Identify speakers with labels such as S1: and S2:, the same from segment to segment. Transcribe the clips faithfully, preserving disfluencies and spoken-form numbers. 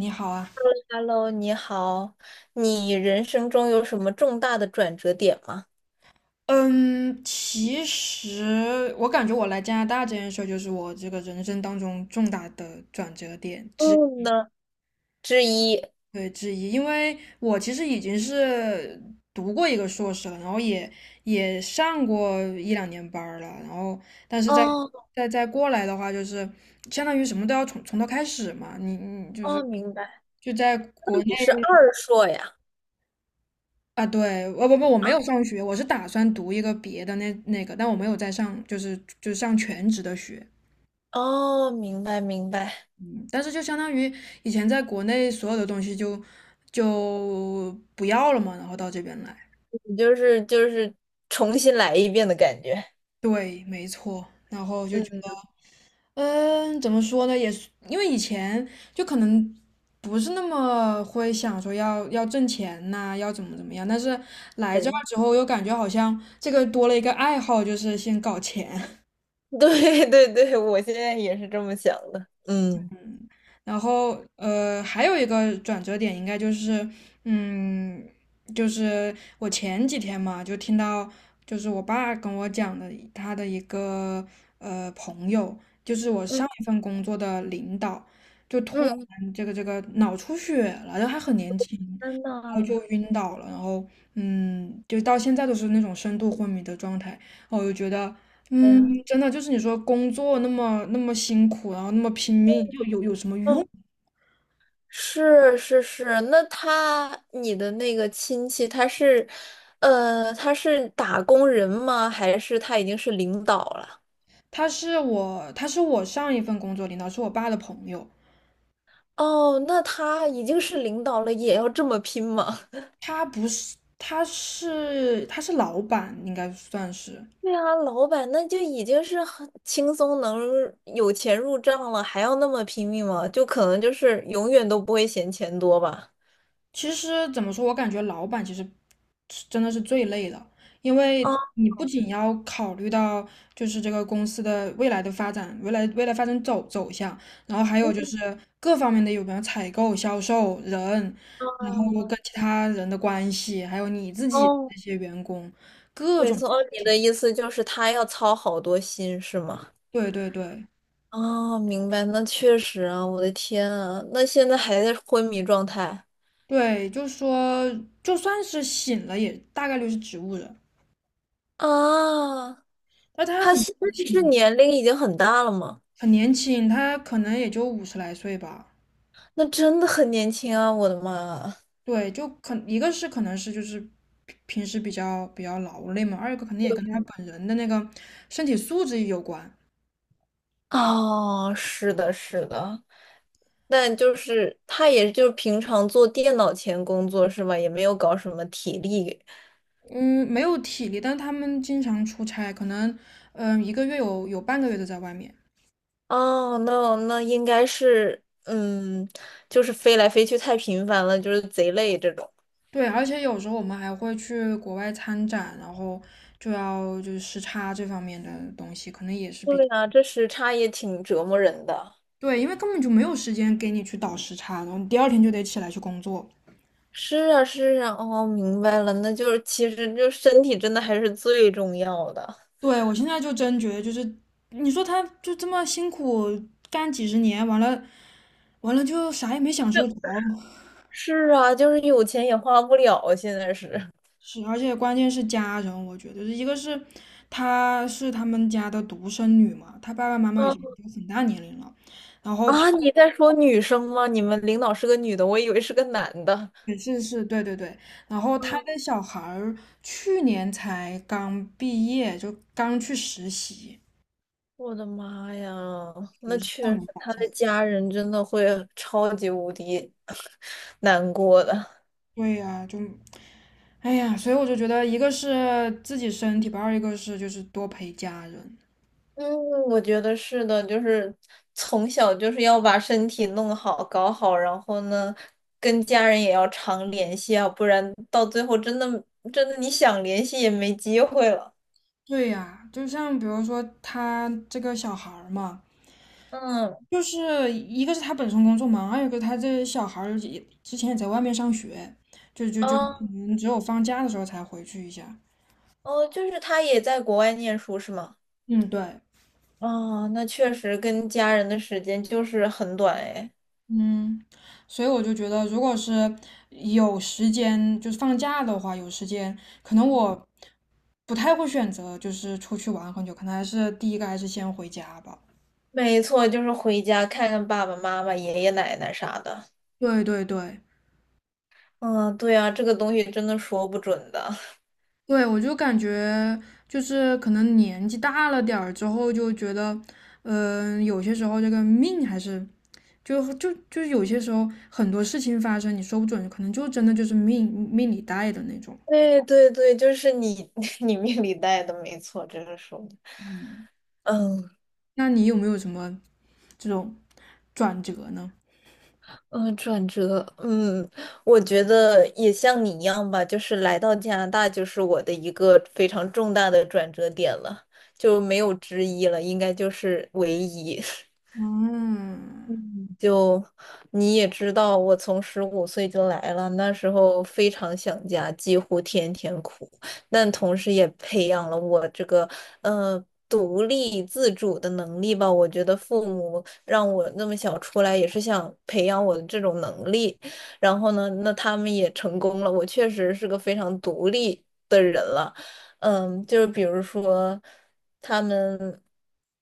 S1: 你好啊。
S2: Hello，你好，你人生中有什么重大的转折点吗？
S1: 嗯，其实我感觉我来加拿大这件事儿就是我这个人生当中重大的转折点之
S2: 嗯呢，之一。
S1: 对之一，因为我其实已经是读过一个硕士了，然后也也上过一两年班儿了，然后但是在
S2: 哦
S1: 在在过来的话，就是相当于什么都要从从头开始嘛，你你就是
S2: 哦，明白。
S1: 就在
S2: 那
S1: 国内。
S2: 你是二硕呀？
S1: 啊，对，我不不，我没有上学，我是打算读一个别的那那个，但我没有在上，就是就是上全职的学。
S2: 哦，明白明白，
S1: 嗯，但是就相当于以前在国内所有的东西就就不要了嘛，然后到这边来。
S2: 你就是就是重新来一遍的感觉。
S1: 对，没错，然后就觉得，
S2: 嗯，
S1: 嗯，怎么说呢，也是因为以前就可能不是那么会想说要要挣钱呐、要怎么怎么样，但是来这儿
S2: 对
S1: 之后又感觉好像这个多了一个爱好，就是先搞钱。
S2: 对对对，我现在也是这么想的。嗯
S1: 然后呃，还有一个转折点应该就是，嗯，就是我前几天嘛，就听到就是我爸跟我讲的他的一个呃朋友，就是我
S2: 嗯
S1: 上一份工作的领导，就突
S2: 嗯，
S1: 然这个这个脑出血了，然后还很年轻，
S2: 天
S1: 然后就
S2: 呐，
S1: 晕倒了。然后嗯，就到现在都是那种深度昏迷的状态，哦我就觉得
S2: 哎
S1: 嗯，
S2: 呀，
S1: 真的就是你说工作那么那么辛苦，然后那么拼命，又有有什么
S2: 嗯。
S1: 用？
S2: 是是是，那他你的那个亲戚他是，呃，他是打工人吗？还是他已经是领导了？
S1: 他是我，他是我上一份工作领导，是我爸的朋友。
S2: 哦，那他已经是领导了，也要这么拼吗？
S1: 他不是，他是他是老板，应该算是。
S2: 对啊，老板那就已经是很轻松能有钱入账了，还要那么拼命吗？就可能就是永远都不会嫌钱多吧。
S1: 其实怎么说，我感觉老板其实是真的是最累的，因为
S2: 啊
S1: 你不仅要考虑到就是这个公司的未来的发展，未来未来发展走走向，然后还有就是各方面的有没有采购、销售、人，然后
S2: 啊
S1: 跟其他人的关系，还有你自己这
S2: 哦，
S1: 些员工，各
S2: 没
S1: 种
S2: 错，哦
S1: 事
S2: 你的
S1: 情。
S2: 意思就是他要操好多心，是吗？
S1: 对对对
S2: 哦，明白，那确实啊，我的天啊，那现在还在昏迷状态
S1: 对，就说，就算是醒了，也大概率是植物人，
S2: 啊？
S1: 但他
S2: 他
S1: 很
S2: 现
S1: 年
S2: 在是
S1: 轻
S2: 年龄已经很大了吗？
S1: 很年轻，他可能也就五十来岁吧。
S2: 那真的很年轻啊，我的妈啊！
S1: 对，就可一个是可能是就是平平时比较比较劳累嘛，二一个肯定也跟他本人的那个身体素质有关。
S2: 哦，是的，是的，但就是他也就是平常做电脑前工作是吧？也没有搞什么体力。
S1: 嗯，没有体力，但他们经常出差，可能嗯、一个月有有半个月都在外面。
S2: 哦，那那应该是，嗯，就是飞来飞去太频繁了，就是贼累这种。
S1: 对，而且有时候我们还会去国外参展，然后就要就是时差这方面的东西，可能也是比
S2: 对啊，这时差也挺折磨人的。
S1: 对，因为根本就没有时间给你去倒时差，然后你第二天就得起来去工作。
S2: 是啊，是啊，哦，明白了，那就是其实就身体真的还是最重要的。
S1: 对，我现在就真觉得，就是你说他就这么辛苦干几十年，完了完了就啥也没享受着。
S2: 是啊，就是有钱也花不了，现在是。
S1: 是，而且关键是家人，我觉得一个是她是他们家的独生女嘛，她爸爸妈妈已经
S2: 嗯
S1: 都很大年龄了。然后她
S2: 啊，你在说女生吗？你们领导是个女的，我以为是个男的。
S1: 也是是，对对对，然后她
S2: 啊，
S1: 的小孩儿去年才刚毕业，就刚去实习，
S2: 我的妈呀，
S1: 属
S2: 那
S1: 于是
S2: 确
S1: 上
S2: 实，
S1: 有老
S2: 他
S1: 下
S2: 的
S1: 有
S2: 家人真的会超级无敌 难过的。
S1: 对呀、就哎呀，所以我就觉得，一个是自己身体吧，二一个是就是多陪家人。
S2: 嗯，我觉得是的，就是从小就是要把身体弄好、搞好，然后呢，跟家人也要常联系啊，不然到最后真的真的你想联系也没机会了。
S1: 对呀，就像比如说他这个小孩儿嘛，
S2: 嗯，
S1: 就是一个是他本身工作忙，二一个他这小孩儿也之前也在外面上学，就就就可
S2: 啊
S1: 能只有放假的时候才回去一下。
S2: 哦，就是他也在国外念书是吗？
S1: 嗯，对。
S2: 哦，那确实跟家人的时间就是很短哎。
S1: 嗯，所以我就觉得，如果是有时间，就是放假的话，有时间，可能我不太会选择就是出去玩很久，可能还是第一个还是先回家吧。
S2: 没错，就是回家看看爸爸妈妈、爷爷奶奶啥的。
S1: 对对对
S2: 嗯，对啊，这个东西真的说不准的。
S1: 对，我就感觉就是可能年纪大了点儿之后，就觉得，嗯、有些时候这个命还是就就就有些时候很多事情发生，你说不准，可能就真的就是命命里带的那种。
S2: 对对对，就是你 你命里带的，没错，这个说的
S1: 嗯，
S2: 嗯
S1: 那你有没有什么这种转折呢？
S2: 嗯，转折，嗯，我觉得也像你一样吧，就是来到加拿大就是我的一个非常重大的转折点了，就没有之一了，应该就是唯一。
S1: 嗯，
S2: 嗯就你也知道，我从十五岁就来了，那时候非常想家，几乎天天哭，但同时也培养了我这个呃独立自主的能力吧。我觉得父母让我那么小出来，也是想培养我的这种能力。然后呢，那他们也成功了，我确实是个非常独立的人了。嗯，就是比如说，他们。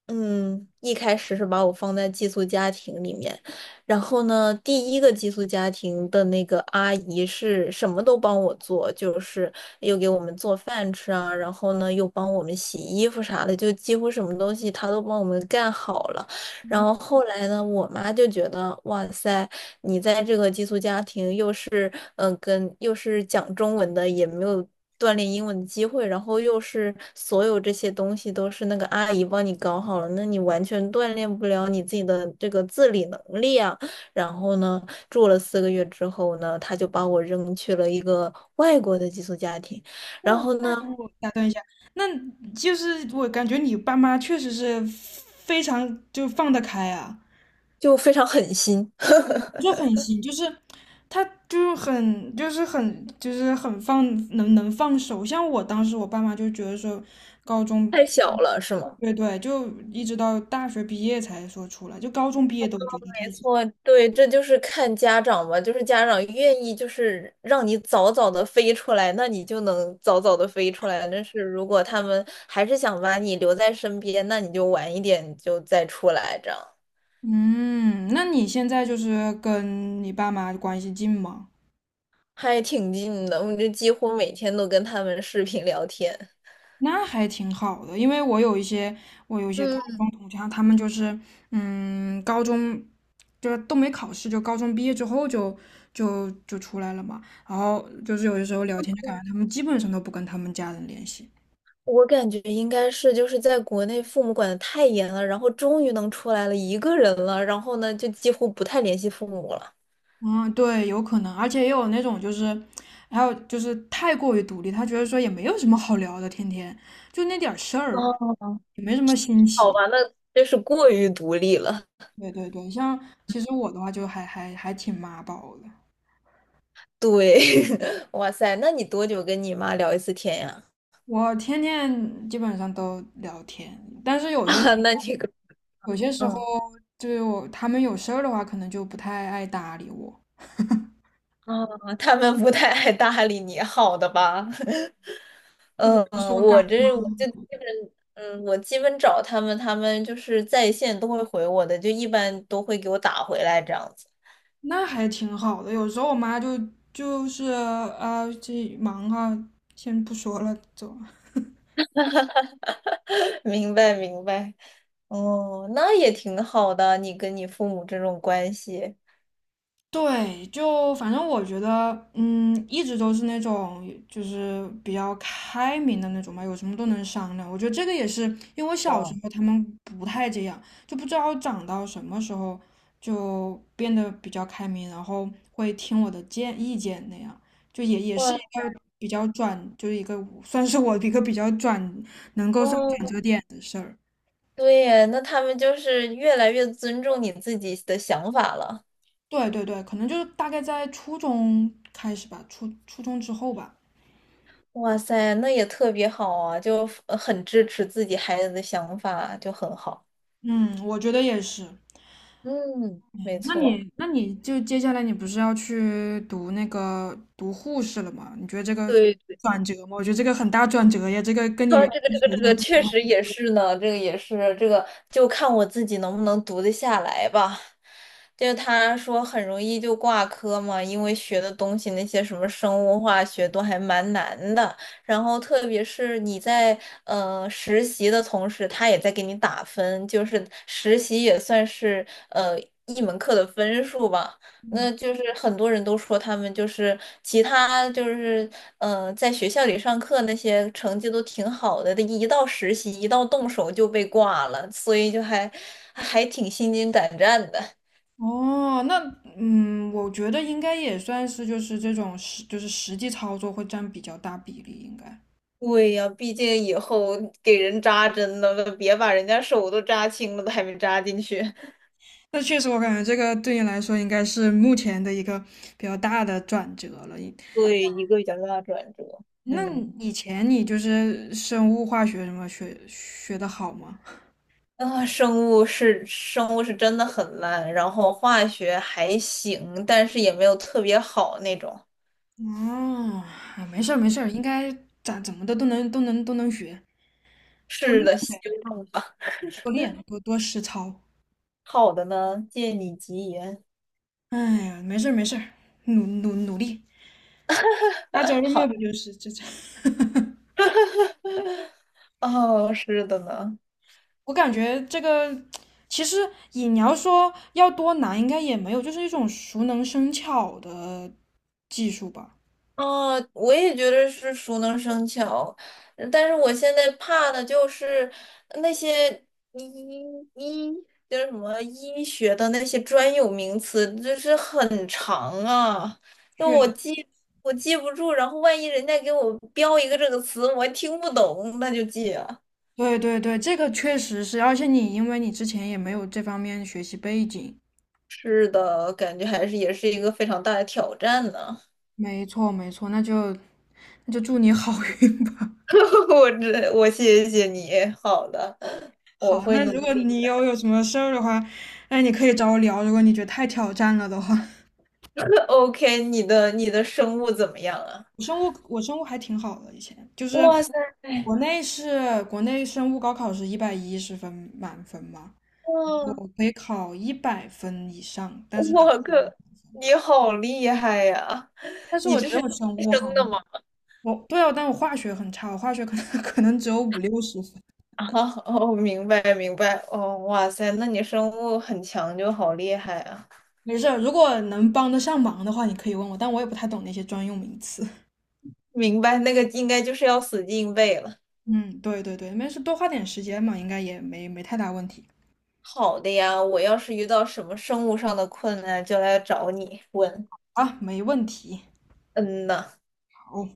S2: 嗯，一开始是把我放在寄宿家庭里面，然后呢，第一个寄宿家庭的那个阿姨是什么都帮我做，就是又给我们做饭吃啊，然后呢又帮我们洗衣服啥的，就几乎什么东西她都帮我们干好了。然后后来呢，我妈就觉得，哇塞，你在这个寄宿家庭又是嗯、呃跟又是讲中文的，也没有锻炼英文的机会，然后又是所有这些东西都是那个阿姨帮你搞好了，那你完全锻炼不了你自己的这个自理能力啊。然后呢，住了四个月之后呢，她就把我扔去了一个外国的寄宿家庭，然后呢，
S1: 我打断一下，那就是我感觉你爸妈确实是非常就放得开啊。
S2: 就非常狠心，
S1: 就 很行，就是他就是很就是很就是很放能能放手。像我当时我爸妈就觉得说，高中
S2: 太小了，是吗？
S1: 对对，就一直到大学毕业才说出来，就高中毕业都觉得
S2: 没
S1: 太小。
S2: 错，对，这就是看家长嘛，就是家长愿意就是让你早早的飞出来，那你就能早早的飞出来。但是如果他们还是想把你留在身边，那你就晚一点就再出来，这样
S1: 嗯，那你现在就是跟你爸妈关系近吗？
S2: 还挺近的。我就几乎每天都跟他们视频聊天。
S1: 那还挺好的，因为我有一些我有一些高
S2: 嗯，
S1: 中同学，他们就是嗯，高中就是都没考试，就高中毕业之后就就就出来了嘛。然后就是有的时候聊天，就感觉他们基本上都不跟他们家人联系。
S2: 我感觉应该是就是在国内父母管的太严了，然后终于能出来了一个人了，然后呢就几乎不太联系父母了。
S1: 嗯，对，有可能，而且也有那种就是，还有就是太过于独立，他觉得说也没有什么好聊的，天天就那点儿事儿，
S2: 哦，
S1: 也没什么新
S2: 好
S1: 奇。
S2: 吧，那真是过于独立了。
S1: 对对对，像其实我的话就还还还挺妈宝的，
S2: 对，哇塞，那你多久跟你妈聊一次天呀？
S1: 我天天基本上都聊天，但是 有些时
S2: 啊，那
S1: 候
S2: 你个，
S1: 有些时候，
S2: 嗯，
S1: 就是我他们有事儿的话，可能就不太爱搭理我。
S2: 啊，他们不太爱搭理你，好的吧？
S1: 就比
S2: 嗯，
S1: 如说
S2: 我
S1: 刚，
S2: 这我就基本，嗯，我基本找他们，他们就是在线都会回我的，就一般都会给我打回来这样子。
S1: 那还挺好的。有时候我妈就就是啊，这忙哈，先不说了，走。
S2: 明白，明白。哦，那也挺好的，你跟你父母这种关系。
S1: 对，就反正我觉得，嗯，一直都是那种就是比较开明的那种嘛，有什么都能商量。我觉得这个也是因为我小时
S2: 哇
S1: 候他们不太这样，就不知道长到什么时候就变得比较开明，然后会听我的建意见那样，就也也是
S2: 哇
S1: 一个比较转，就是一个算是我一个比较转
S2: 哦，
S1: 的事儿。
S2: 对耶，那他们就是越来越尊重你自己的想法了。
S1: 对对对，可能就是大概在初中开始吧，初初中之后吧。
S2: 哇塞，那也特别好啊，就呃很支持自己孩子的想法，就很好。
S1: 嗯，我觉得也是。
S2: 嗯，没
S1: 那
S2: 错。
S1: 你那你就接下来你不是要去读那个读护士了吗？你觉得这个
S2: 对。
S1: 转折吗？我觉得这个很大转折呀，这个跟你
S2: 呃，
S1: 原
S2: 这个这个这个确实也是呢，这个也是这个，就看我自己能不能读得下来吧。就他说很容易就挂科嘛，因为学的东西那些什么生物化学都还蛮难的。然后特别是你在呃实习的同时，他也在给你打分，就是实习也算是呃一门课的分数吧。那就是很多人都说他们就是其他就是嗯，在学校里上课那些成绩都挺好的，一到实习一到动手就被挂了，所以就还还挺心惊胆战的。
S1: 哦，那嗯，我觉得应该也算是就是这种实就是实际操作会占比较大比例，应该。
S2: 对呀，毕竟以后给人扎针了，别把人家手都扎青了，都还没扎进去。
S1: 那确实，我感觉这个对你来说应该是目前的一个比较大的转折了。
S2: 对，一个比较大的转折。
S1: 那
S2: 嗯，
S1: 以前你就是生物化学什么学学的好吗？
S2: 啊，生物是生物是真的很烂，然后化学还行，但是也没有特别好那种。
S1: 哦，啊没事儿没事儿，应该咋怎么的都能都能都能学，
S2: 是的，希望吧。
S1: 多练多多实操。
S2: 好的呢，借你吉言。
S1: 哎呀，没事儿没事儿，努努努力，他找 这么
S2: 好，
S1: 不就是这这？
S2: 哦，是的呢。
S1: 我感觉这个其实也你要说要多难，应该也没有，就是一种熟能生巧的技术吧。
S2: 哦，我也觉得是熟能生巧，嗯但是我现在怕的就是那些医医就是什么医学的那些专有名词，就是很长啊，那
S1: 确，
S2: 我记我记不住，然后万一人家给我标一个这个词，我还听不懂，那就记啊。
S1: 对对对，这个确实是，而且你因为你之前也没有这方面学习背景。
S2: 是的，感觉还是也是一个非常大的挑战呢。
S1: 没错没错，那就那就祝你好运吧。
S2: 我这我谢谢你，好的，我
S1: 好，
S2: 会
S1: 那
S2: 努
S1: 如果
S2: 力
S1: 你有
S2: 的。
S1: 有什么事儿的话，那你可以找我聊。如果你觉得太挑战了的话，
S2: OK，你的你的生物怎么样啊？
S1: 我生物我生物还挺好的，以前就是
S2: 哇塞，
S1: 国内是国内生物高考是一百一十分满分嘛，
S2: 哇
S1: 我可以考一百分以上，但是打
S2: 我靠，你好厉害呀！
S1: 但是
S2: 你
S1: 我
S2: 这
S1: 只
S2: 是
S1: 有生
S2: 天
S1: 物
S2: 生
S1: 好。
S2: 的吗？
S1: 我对啊，但我化学很差，我化学可能 可能只有五六十分。
S2: 啊，哦，明白明白，哦，哇塞，那你生物很强就好厉害啊！
S1: 没事儿，如果能帮得上忙的话，你可以问我，但我也不太懂那些专用名词。
S2: 明白，那个应该就是要死记硬背了。
S1: 嗯，对对对，没事，多花点时间嘛，应该也没没太大问题。
S2: 好的呀，我要是遇到什么生物上的困难，就来找你问。
S1: 啊，没问题。
S2: 嗯呐，
S1: 好，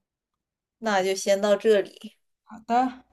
S2: 那就先到这里。
S1: 好的。